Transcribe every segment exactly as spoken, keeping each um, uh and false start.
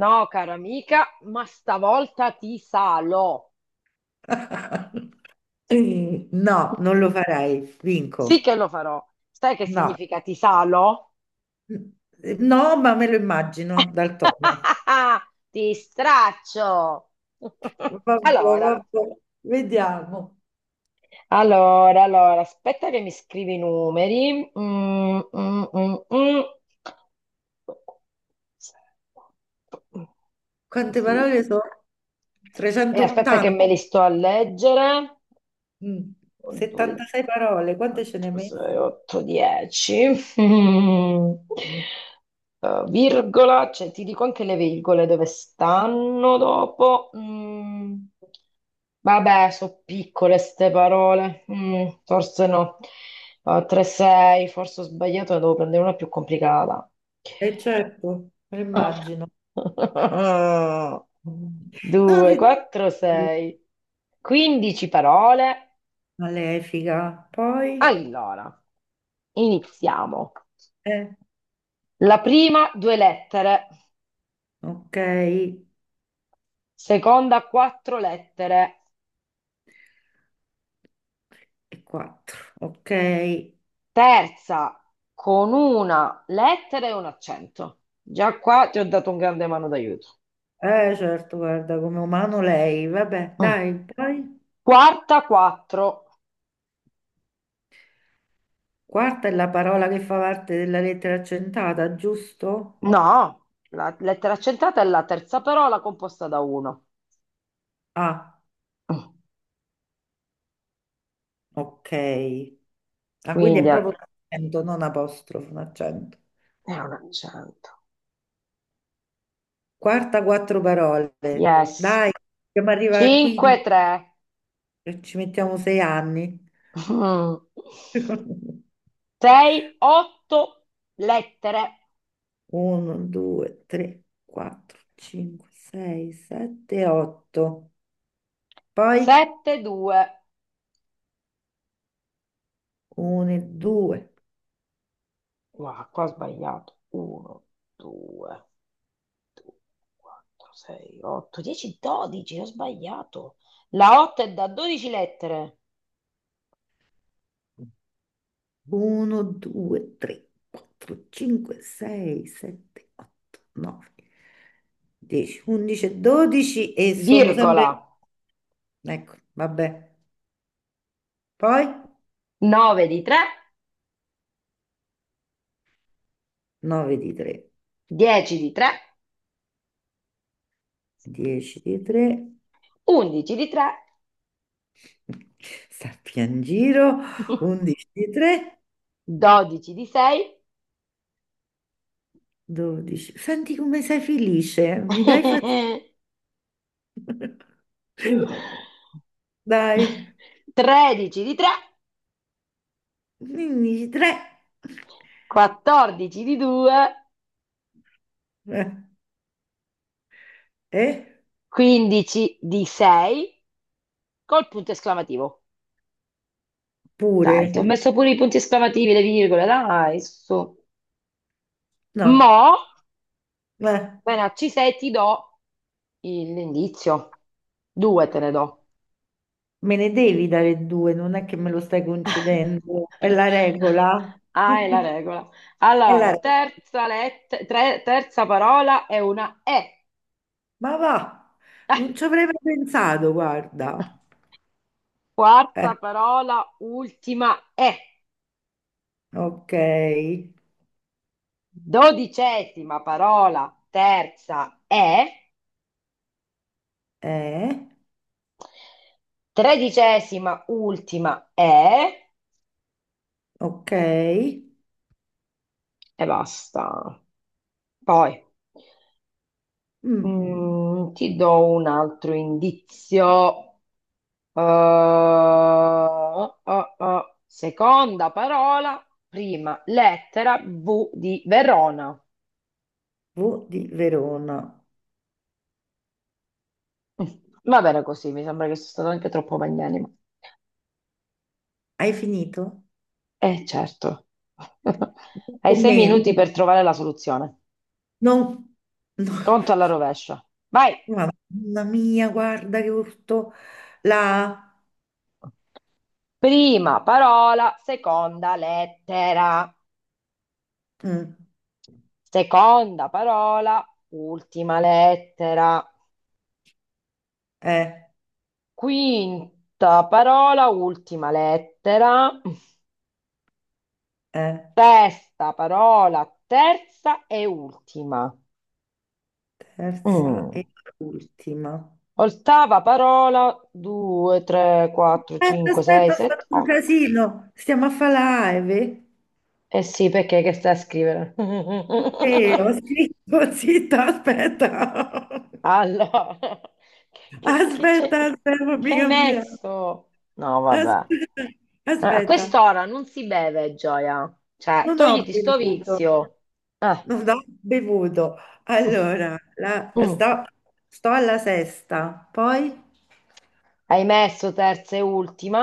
No, cara amica, ma stavolta ti salo. No, non lo farei, vinco. Sì che lo farò. Sai che No, significa ti salo? no, ma me lo immagino dal tono. Ti straccio. Vabbè, Allora, vabbè, vediamo. allora, allora, aspetta che mi scrivi i numeri. Mm, mm, mm, mm. Quante Così. parole sono? E aspetta che trecentottanta. me li sto a leggere. Mm, Dunque, settantasei parole, quante ce ne hai quattro, sei, messe? otto, dieci. Mm. Eh, virgola, cioè ti dico anche le virgole dove stanno dopo. Mm. Vabbè, sono piccole ste parole. Mm, forse no. tre, sei, forse ho sbagliato, ne devo prendere una più complicata. Eh certo, me lo immagino. Sono due, quattro, ridicolo, sei. quindici parole. malefica. Poi, Allora. Iniziamo. eh, La prima due lettere, ok, e seconda quattro lettere, quattro, ok. terza con una lettera e un accento. Già qua ti ho dato un grande mano d'aiuto. Eh, certo, guarda, come umano lei. Vabbè, Mm. dai, poi. Quarta quattro. Quarta è la parola che fa parte della lettera accentata, giusto? No, la lettera accentrata è la terza parola composta da uno. Ah, Mm. ok. Ah, quindi Quindi è è proprio un accento, non apostrofo, un accento. è un accento. Quarta, quattro parole. Yes. Dai, dobbiamo arrivare a cinque quindici, tre. ci mettiamo sei anni. sei otto lettere. uno, due, tre, quattro, cinque, sei, sette, otto. Poi sette due. uno, due, Guarda, qua ho sbagliato. uno, due, due, quattro, sei, otto, dieci, dodici. Ho sbagliato. La otto è da dodici lettere, uno, due, tre, quattro, cinque, sei, sette, otto, nove, dieci, undici, dodici e sono sempre... virgola. Ecco, vabbè. Poi nove di tre, nove di tre, dieci di tre, dieci di tre, undici di tre, sappi in giro, undici di tre, dodici di sei, dodici. Senti come sei felice, mi dai fastidio. Dai, tredici di tre, quindici di tre. quattordici di due, Eh, eh? quindici di sei, col punto esclamativo. Pure? Dai, ti ho messo pure i punti esclamativi e le virgole, dai, su. No. Mo, Eh. appena ci sei, ti do il- l'indizio. Due te ne do. Me ne devi dare due, non è che me lo stai concedendo, è la regola. Ah, è la regola. È la Allora, regola. terza, let- tre- terza parola è una E. Ma va, non ci avrei mai pensato, guarda. Eh, Quarta parola, ultima E. ok, Dodicesima parola, terza E. eh, Tredicesima, ultima E. ok. E basta. Poi Mm, mm, ti do un altro indizio. Eh, eh, eh. Seconda parola, prima lettera V di Verona. V di Verona. Mm, Va bene così, mi sembra che sono stato anche troppo magnanimo. Hai finito? Eh, certo. Hai Con sei meno. minuti per trovare la soluzione. Non... No. Conto alla rovescia. Vai. Mamma mia, guarda che urto. La... Prima parola, seconda lettera. mm, Seconda parola, ultima lettera. eh, Quinta parola, ultima lettera. eh, Sesta parola, terza e ultima. Terza e Mm. ultima. Ottava parola, due, tre, quattro, Aspetta, cinque, sei, aspetta, ho sette, fatto un otto. casino. Stiamo a fare live. Eh sì, perché che stai a scrivere? Ok, ho scritto, zitta, aspetta. Allora, che che- che Aspetta, c'è? aspetta, Che fammi hai cambiare. messo? No, vabbè. Aspetta, Allora, a aspetta. quest'ora non si beve, Gioia. Cioè, Non ho togliti sto bevuto. vizio. Eh. Non ho bevuto. Mm. Allora, la- Mm. sto, sto alla sesta, poi Hai messo terza e ultima,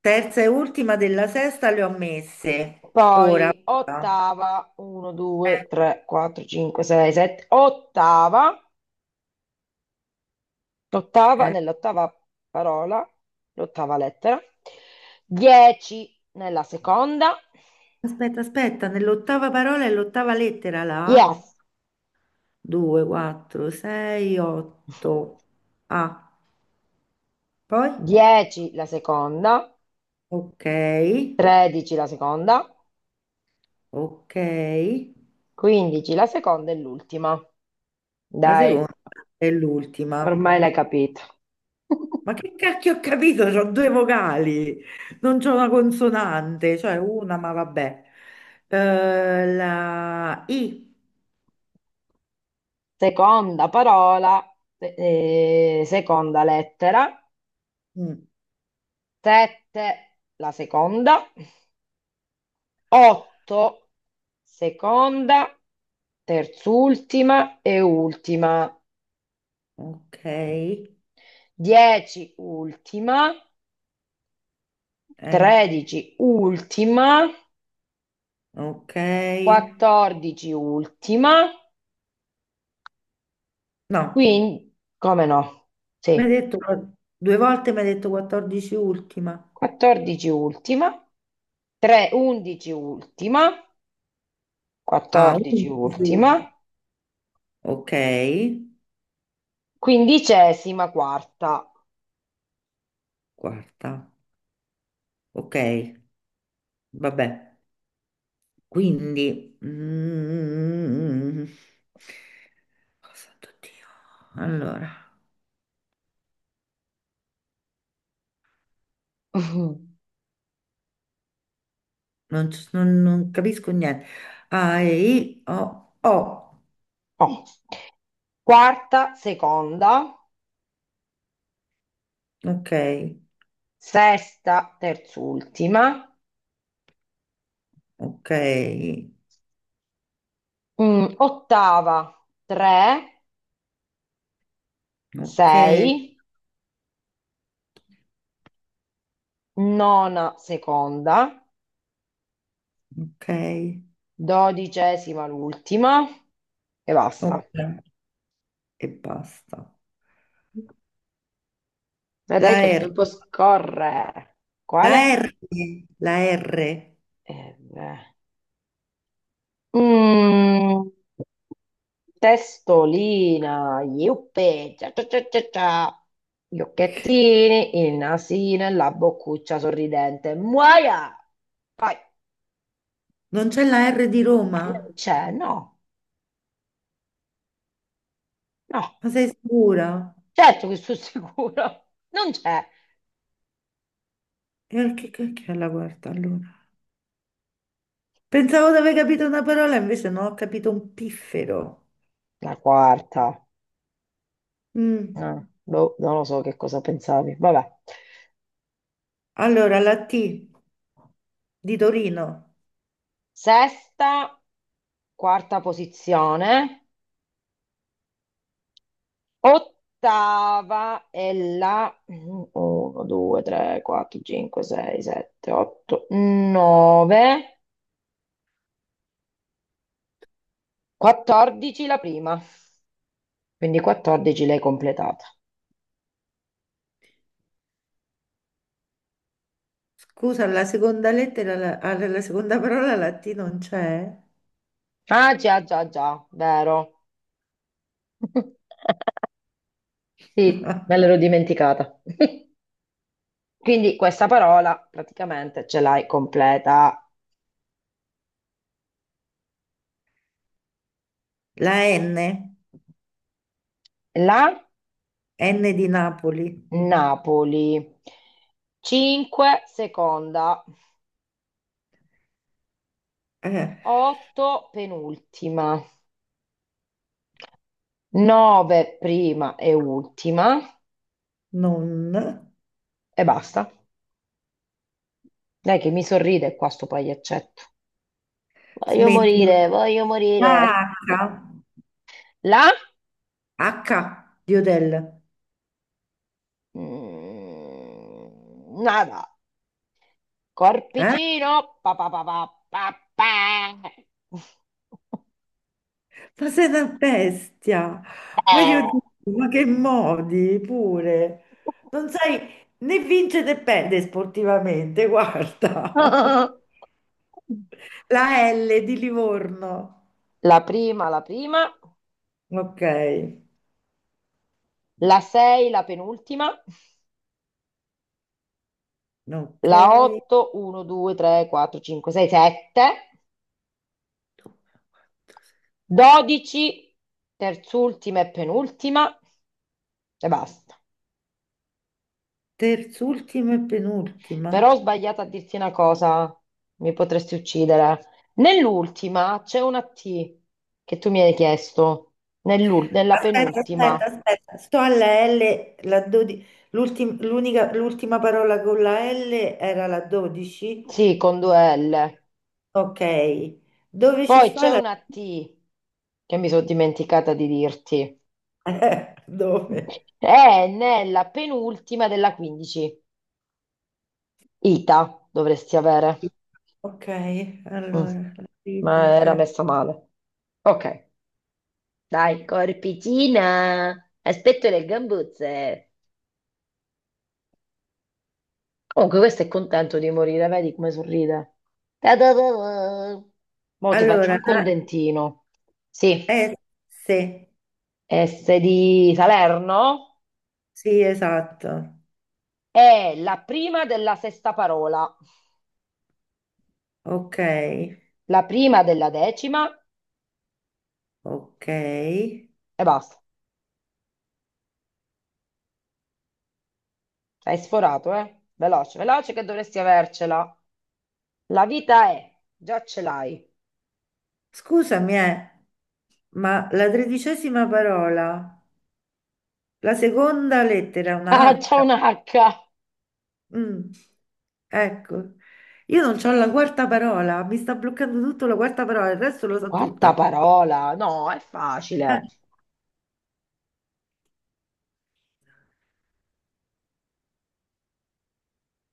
terza e ultima della sesta le ho messe. Ora. poi Eh, ottava, uno, due, tre, quattro, cinque, sei, sette, ottava, ottava, eh. nell'ottava parola, l'ottava lettera, dieci nella seconda, Aspetta, aspetta, nell'ottava parola è l'ottava lettera là. yes, due, quattro, sei, otto. Ah, poi? dieci la seconda, Ok, tredici la seconda, ok. quindici la seconda e l'ultima. La Dai, seconda è l'ultima. ormai l'hai capito. Ma che cacchio ho capito? C'ho due vocali, non c'ho una consonante, cioè una, ma vabbè. Eh, la I. Seconda parola, eh, seconda lettera, Mm, sette, la seconda, otto, seconda, terz'ultima e ultima, ok, dieci, ultima, eh, tredici, ultima, ok. quattordici, ultima, No, quindi, come no? mi hai Sì, detto due volte, mi hai detto quattordici ultima. quattordici, ultima, tre, undici, ultima. Ah, quattordici undici. ultima, Ok. quindicesima quarta. Quarta. Ok, vabbè. Quindi... mm, oh, santo Dio. Allora, non, so- non- non capisco niente. A, E, I, O, O. Oh. Quarta seconda, Ok, sesta terzultima, ok, mm, ottava tre, ok, sei, nona seconda, ok, dodicesima l'ultima e basta. ok. E basta. Vedrai La che il R, tempo scorre. la Quale? R, la R. Eh, beh. Mm. Testolina, iuppe, cia cia cia cia cia, gli occhettini, il nasino e la boccuccia sorridente. Muoia! Poi Non c'è la R di Roma? non c'è, no, no, Ma sei sicura? certo che sono sicuro, non c'è. E perché che che è la quarta allora? Pensavo di aver capito una parola, invece no, ho capito un piffero. La quarta, Mm. eh, boh, non lo so che cosa pensavi, vabbè. Allora, la T di Torino. Sesta, quarta posizione. Ottava è la uno, due, tre, quattro, cinque, sei, sette, otto, nove, quattordici la prima. Quindi quattordici l'hai completata. Scusa, la seconda lettera, la, alla- la seconda parola, la T non c'è. Ah, già, già, già, vero. Sì, me l'ero dimenticata. Quindi questa parola praticamente ce l'hai completa. La N, La N di Napoli. Napoli. cinque seconda, Eh, otto penultima. nove prima e ultima non. e basta. Dai che mi sorride qua sto pagliaccetto. Voglio Smetti. morire, voglio morire. La H, La? H di Hotel. Mm, nada. Eh? Corpicino. Pa, pa, pa, pa, pa, pa. Ma sei una bestia! Ma io dico, ma che modi pure! Non sai né vincere né perdere sportivamente, guarda! La L di Livorno. La prima, la prima. Ok, La sei, la penultima. La ok. otto, uno, due, tre, quattro, cinque, sei, sette. Due, quattro, Dodici, terz'ultima e penultima e basta. Terz'ultima e penultima. Però ho sbagliato a dirti una cosa, mi potresti uccidere. Nell'ultima c'è una T che tu mi hai chiesto, Nell'ul- nella Aspetta, aspetta, penultima, aspetta. Sto alla L, la dodici l'ultim- l'unica- l'ultima parola con la L era la dodici. sì, con due L. Ok. Dove ci Poi sta c'è la una T che mi sono dimenticata di dirti. Eh, dove? È nella penultima della quindici. Ita dovresti avere. Ok, Mm, allora, la ma vita, era eh. messa male. Ok. Dai, corpicina! Aspetto le gambuzze. Comunque, questo è contento di morire, vedi come sorride. Ta-da-da-da. Mo' ti Allora, faccio anche un la dentino. Sì, eh, sì, S di Salerno sì, esatto. è la prima della sesta parola, Ok, la prima della decima ok. e basta. Hai sforato, eh? Veloce, veloce che dovresti avercela. La vita è, già ce l'hai. Scusami, eh, ma la tredicesima parola, la seconda lettera è Ah, una c'è H. un H. Mm, Ecco, io non c'ho la quarta parola, mi sta bloccando tutto la quarta parola, il resto lo so Quarta tutta. parola, no, è facile. Eh,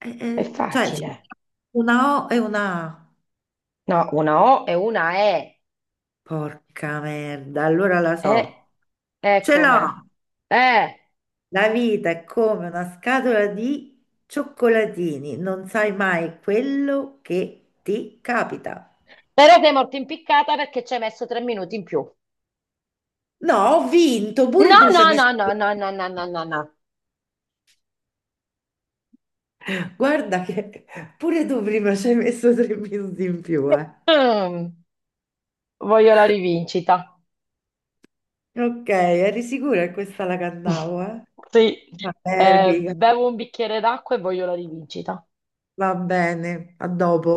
eh, È eh, cioè, c'è facile. una O e una A. No, una O e una E. Porca merda, allora la E, so. e Ce l'ho! come? Eh, La vita è come una scatola di cioccolatini, non sai mai quello che ti capita. però sei morto impiccata perché ci hai messo tre minuti in più. No, ho vinto, pure No, tu ci no, hai no, messo... no, no, no, no, no, no, no. Guarda che pure tu prima ci hai messo tre minuti in più, eh. Mm, voglio la rivincita. Ok, eri sicura che questa la cantavo, eh? Sì, Vabbè, eh, figa. bevo un bicchiere d'acqua e voglio la rivincita. Va bene, a dopo.